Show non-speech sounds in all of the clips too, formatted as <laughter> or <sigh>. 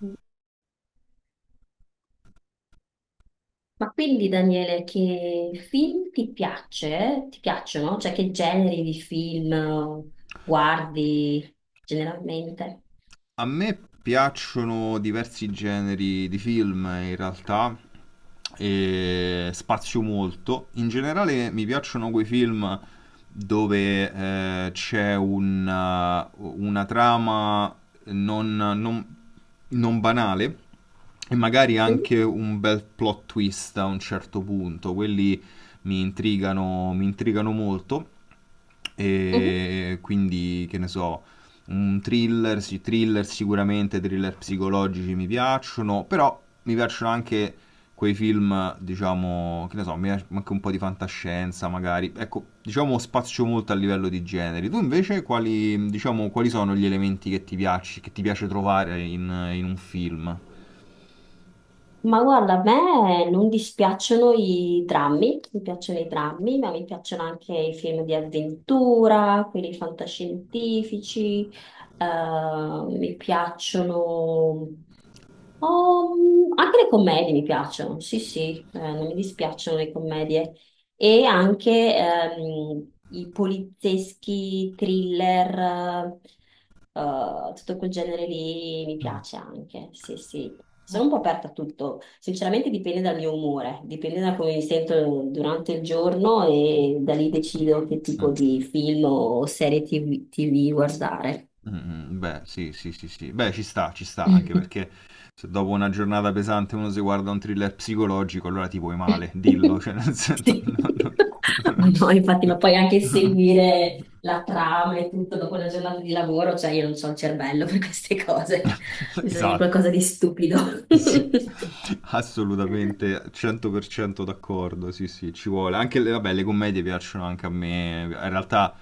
Ma quindi Daniele, che film ti piace? Ti piacciono? Cioè che generi di film guardi generalmente? A me piacciono diversi generi di film, in realtà, e spazio molto. In generale mi piacciono quei film dove c'è un, una trama non, non- non banale e magari Mhm, anche un bel plot twist a un certo punto. Quelli mi intrigano molto. mhm. E quindi, che ne so, un thriller, sì, thriller sicuramente, thriller psicologici mi piacciono, però mi piacciono anche quei film, diciamo, che ne so, mi piace anche un po' di fantascienza magari. Ecco, diciamo spazio molto a livello di generi. Tu invece quali, diciamo, quali sono gli elementi che ti piace trovare in un film? Ma guarda, a me non dispiacciono i drammi, mi piacciono i drammi, ma mi piacciono anche i film di avventura, quelli fantascientifici, mi piacciono Oh, anche le commedie mi piacciono, sì, sì, non mi dispiacciono le commedie. E anche i polizieschi, thriller, tutto quel genere lì mi piace anche, sì, sì. Ok. Sono un po' aperta a tutto, sinceramente dipende dal mio umore, dipende da come mi sento durante il giorno e da lì decido che tipo Mm. di film o serie TV guardare. Mm, beh, sì, sì, sì, sì. Beh, ci sta, anche <laughs> perché se dopo una giornata pesante uno si guarda un thriller psicologico, allora ti vuoi male, dillo, cioè nel senso... <laughs> Sì. no, no, <laughs> no, Ma no, no, infatti, ma poi anche no. seguire la trama e tutto dopo una giornata di lavoro, cioè io non ho il cervello per queste cose, <laughs> bisogna di Esatto. qualcosa di stupido. <laughs> <laughs> Sì, assolutamente, 100% d'accordo, sì sì, ci vuole. Anche le, vabbè, le commedie piacciono anche a me,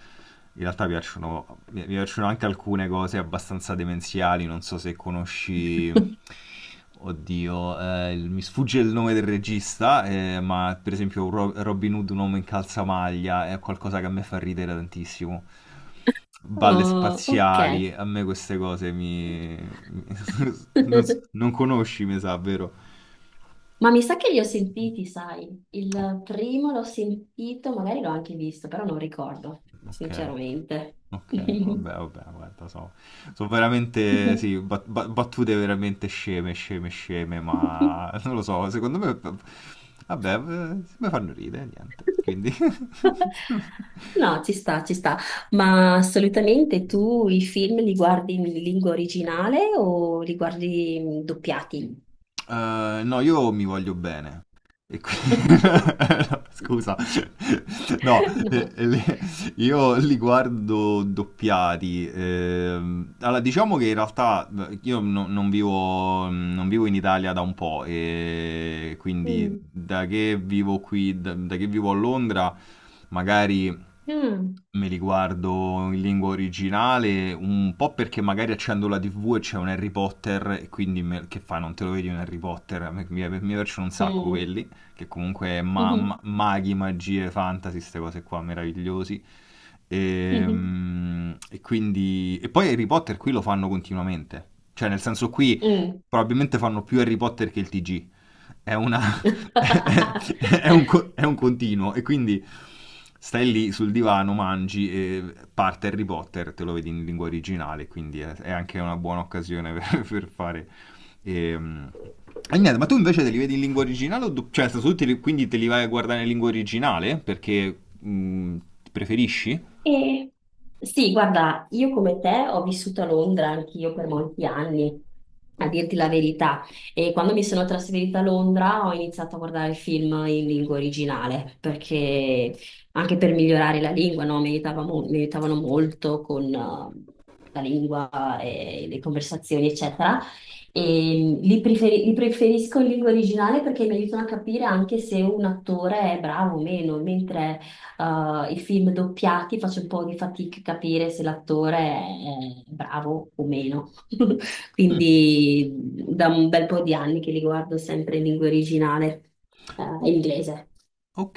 in realtà piacciono, mi piacciono anche alcune cose abbastanza demenziali, non so se conosci, oddio, il- mi sfugge il nome del regista, ma per esempio Robin Hood, un uomo in calzamaglia, è qualcosa che a me fa ridere tantissimo. Balle Oh, ok. spaziali, a me queste cose mi... mi- <laughs> Non, s- <laughs> non conosci, mi sa, vero? Ma mi sa che li ho sentiti, sai? Il primo l'ho sentito, magari l'ho anche visto, però non ricordo, Ok, sinceramente. ok, vabbè, vabbè, guarda, so, sono veramente, <laughs> sì, battute veramente sceme, sceme, sceme, ma <laughs> non lo so, secondo me, vabbè, mi fanno ridere, niente, quindi... <laughs> No, ci sta, ci sta. Ma assolutamente tu i film li guardi in lingua originale o li guardi doppiati? No, io mi voglio bene. E qui... <laughs> <laughs> no, scusa, no, eh, No. eh, le- io li guardo doppiati. Allora, diciamo che in realtà io non vivo, non vivo in Italia da un po', e quindi Mm. da che vivo qui, da che vivo a Londra, magari Mm. me li guardo in lingua originale, un po' perché magari accendo la TV e c'è un Harry Potter, e quindi me- che fa, non te lo vedi un Harry Potter? Mi, mi piacciono un sacco Mm. quelli, che comunque Mhm. maghi, magie, fantasy, queste cose qua meravigliosi. Mhm. E, quindi... E poi Harry Potter qui lo fanno continuamente, cioè nel senso qui Mm. probabilmente fanno più Harry Potter che il TG, è una... <laughs> è <laughs> un, è un continuo, e quindi stai lì sul divano, mangi e parte Harry Potter, te lo vedi in lingua originale, quindi è anche una buona occasione <laughs> per fare... ehm. E niente, ma tu invece te li vedi in lingua originale o cioè, soprattutto quindi te li vai a guardare in lingua originale perché preferisci? E sì, guarda, io come te ho vissuto a Londra anch'io per molti anni, a dirti la verità. E quando mi sono trasferita a Londra ho iniziato a guardare film in lingua originale, perché anche per migliorare la lingua, no, mi aiutavano molto con la lingua e le conversazioni, eccetera. E li preferisco in lingua originale perché mi aiutano a capire anche se un attore è bravo o meno, mentre I film doppiati faccio un po' di fatica a capire se l'attore è bravo o meno. <laughs> Mm, Quindi da un bel po' di anni che li guardo sempre in lingua originale, eh, ok. inglese.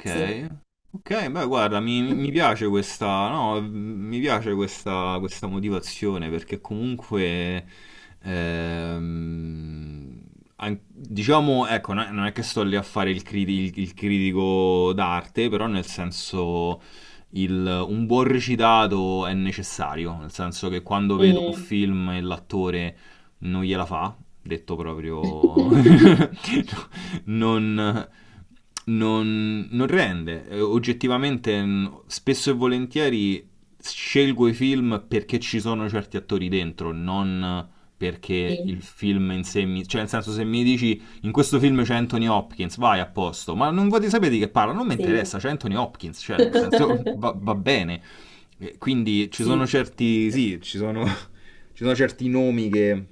Sì. ok, beh, guarda, mi piace questa, no, mi piace questa, questa motivazione perché comunque, ehm, an- diciamo, ecco, non è che sto lì a fare il, il critico d'arte, però nel senso, il- un buon recitato è necessario, nel senso che quando vedo un Mm. film e l'attore non gliela fa, detto proprio, <laughs> <laughs> non, non rende. Oggettivamente, n- spesso e volentieri scelgo i film perché ci sono certi attori dentro, non perché il Sì, film in sé mi... Cioè, nel senso, se mi dici in questo film c'è Anthony Hopkins, vai a posto, ma non voglio sapere di che parla, non mi sì. interessa, c'è Anthony Hopkins, cioè, nel senso, va, <laughs> va bene. Quindi ci sono Sì. certi, sì, ci sono, <laughs> ci sono certi nomi che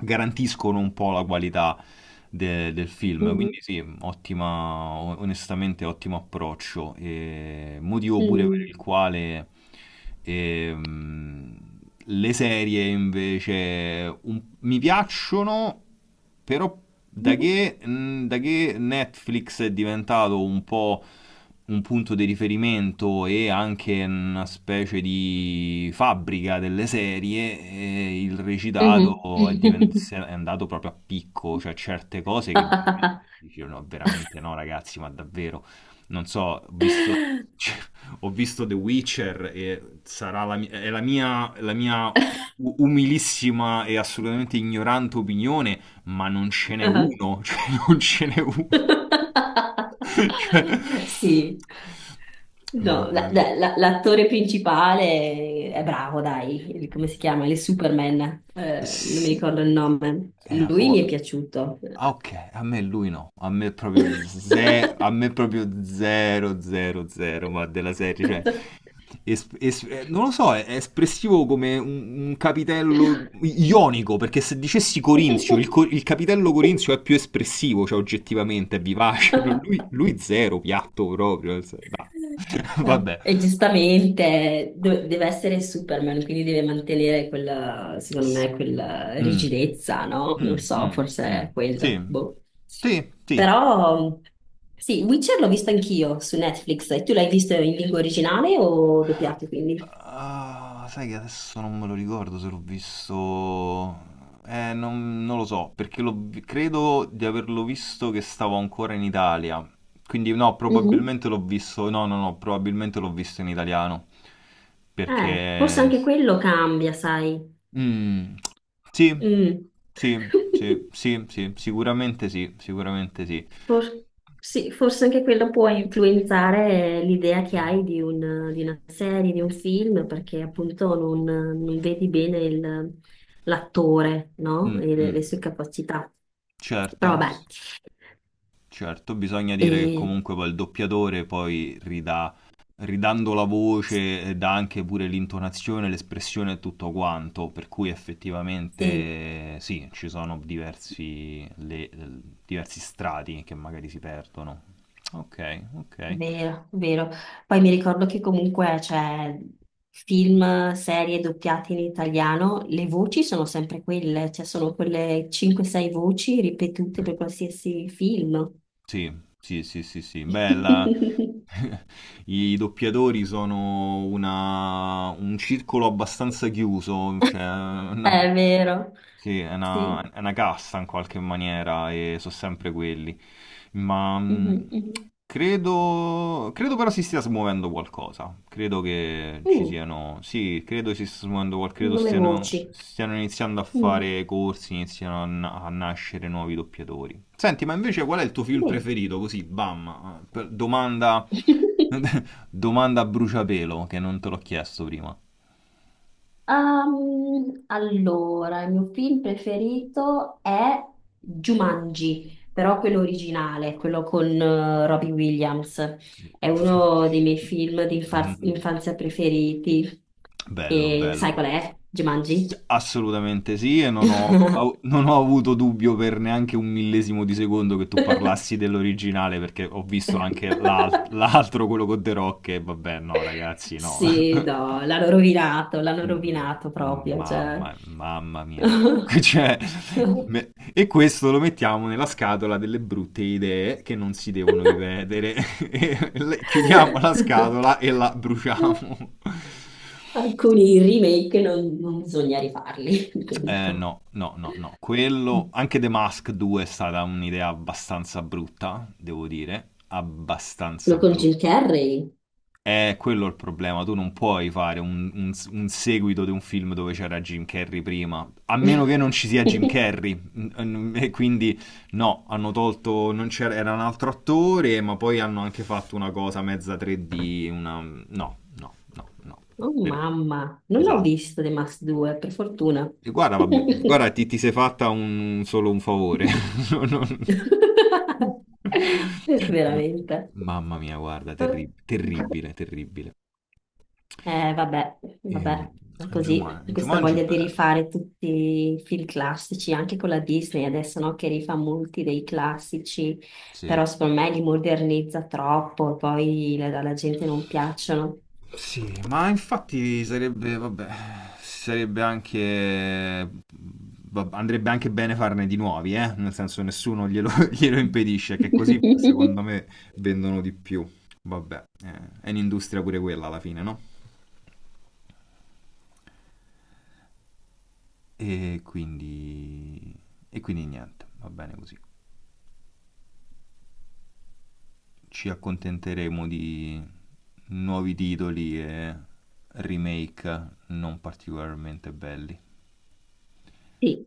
garantiscono un po' la qualità del film. Quindi Mhm. sì, ottima, onestamente ottimo approccio. E motivo pure per il Mm. quale e, mm, le serie invece un- mi piacciono, però da Mhm. che, mm, da che Netflix è diventato un po' un punto di riferimento e anche una specie di fabbrica delle serie, il Mhm. recitato è, è andato proprio a picco, cioè certe cose che veramente dicono, veramente no ragazzi, ma davvero. Non so, ho visto, <laughs> ho visto The Witcher e sarà la, mi- è la mia umilissima e assolutamente ignorante opinione, ma non ce n'è <laughs> uno, <laughs> cioè non ce n'è uno. <laughs> Cioè, Sì, no, mamma mia. L'attore principale è bravo, dai, come si chiama? Il Superman, non mi s- ricordo il nome. eh, Lui oh, mi è piaciuto. Ah, ok, a me lui no, a me proprio zero, a me proprio zero, zero, zero, ma della serie, cioè, <laughs> non lo so, è espressivo come un capitello ionico, perché se dicessi corinzio, il, il capitello corinzio è più espressivo, cioè oggettivamente, è vivace, no, lui zero, piatto proprio, nel sen- no. <laughs> Vabbè. E giustamente deve essere Superman, quindi deve mantenere quella, secondo Sì. me, quella Mm. rigidezza, no? Mm, Non so, mm, forse mm. è Sì, quello. Boh. sì, sì, Però sì, Witcher l'ho visto anch'io su Netflix. E tu l'hai visto in lingua originale o doppiato, quindi? ah, sai che adesso non me lo ricordo se l'ho visto. Non, non lo so, perché l'ho vi- credo di averlo visto che stavo ancora in Italia. Quindi no, Mhm. probabilmente l'ho visto. No, no, no, probabilmente l'ho visto in italiano. Forse Perché. anche quello cambia, sai. Mm, sì, Mm. sì, sì, <laughs> sì, sì, sicuramente sì, sicuramente sì. For- sì, forse anche quello può influenzare l'idea che hai di, di una serie, di un film, perché appunto non, non vedi bene l'attore, no? Mm, E le sue mm, capacità. Però certo. vabbè, Certo, bisogna dire che e, comunque poi il doppiatore poi ridà, ridando la voce, dà anche pure l'intonazione, l'espressione e tutto quanto, per cui effettivamente sì. Sì, ci sono diversi, diversi strati che magari si perdono. Ok, ok. Vero, vero. Poi mi ricordo che comunque c'è film, serie doppiate in italiano, le voci sono sempre quelle, cioè sono quelle 5-6 voci ripetute per qualsiasi film. Sì, sì, sì, sì, sì. Bella. <laughs> <laughs> I doppiatori sono una- un circolo abbastanza chiuso, cioè una, È vero, sì, sì. è una casta in qualche maniera e sono sempre quelli. Ma Mhm, mhm. credo, credo però si stia smuovendo qualcosa. Credo che ci Mm, siano. Sì, credo si stia smuovendo qualcosa. Credo nome stiano, voci. stiano iniziando a Mm, fare corsi, iniziano a, na- a nascere nuovi doppiatori. Senti, ma invece qual è il tuo film bene. preferito? Così, bam, domanda, <laughs> <laughs> domanda a bruciapelo che non te l'ho chiesto prima. Allora, il mio film preferito è Jumanji, però quello originale, quello con Robbie Williams. È uno dei miei film di <laughs> infanzia preferiti. Bello, E sai bello. qual è? Jumanji? S- assolutamente sì, e non ho, au- <laughs> non ho avuto dubbio per neanche un millesimo di secondo che tu parlassi dell'originale, perché ho visto anche l'altro, quello con The Rock, e vabbè, no, ragazzi, no. Sì, <laughs> no, l'hanno Mm, rovinato mm, proprio, cioè. mamma, mamma mia. <laughs> Cioè, me- e questo lo mettiamo nella scatola delle brutte idee che non si devono ripetere. <laughs> E chiudiamo la <laughs> scatola e la <laughs> bruciamo. <laughs> Alcuni remake non, non bisogna rifarli, <laughs> appunto. no, no, no, no. Quello, Quello anche The Mask 2 è stata un'idea abbastanza brutta, devo dire, abbastanza con brutta. Jim Carrey. È quello il problema, tu non puoi fare un, un seguito di un film dove c'era Jim Carrey prima, a meno che non ci sia Jim <laughs> Carrey. Mm, e quindi no, hanno tolto, non c'era, era un altro attore, ma poi hanno anche fatto una cosa mezza 3D, una... No, no, no, no, Oh no. Vero. mamma, non l'ho Esatto. visto The Mask 2, per fortuna. E guarda, vabbè, guarda, ti sei fatta un, solo un favore. <laughs> <laughs> No, no, no. No. Veramente. Mamma mia, guarda, terri- terribile, terribile. Vabbè, Ehm, vabbè, è così, Juman- questa Jumanji è voglia di bello. rifare tutti i film classici, anche con la Disney adesso, no, che rifà molti dei classici, Sì. però secondo me li modernizza troppo, poi alla gente non piacciono. Sì, ma infatti sarebbe, vabbè, sarebbe anche, vab- andrebbe anche bene farne di nuovi, eh? Nel senso nessuno glielo, <laughs> glielo impedisce, che così <laughs> secondo me vendono di più. Vabbè, è un'industria pure quella alla fine, no? E quindi, e quindi niente, va bene così. Ci accontenteremo di nuovi titoli e remake non particolarmente belli. Sì,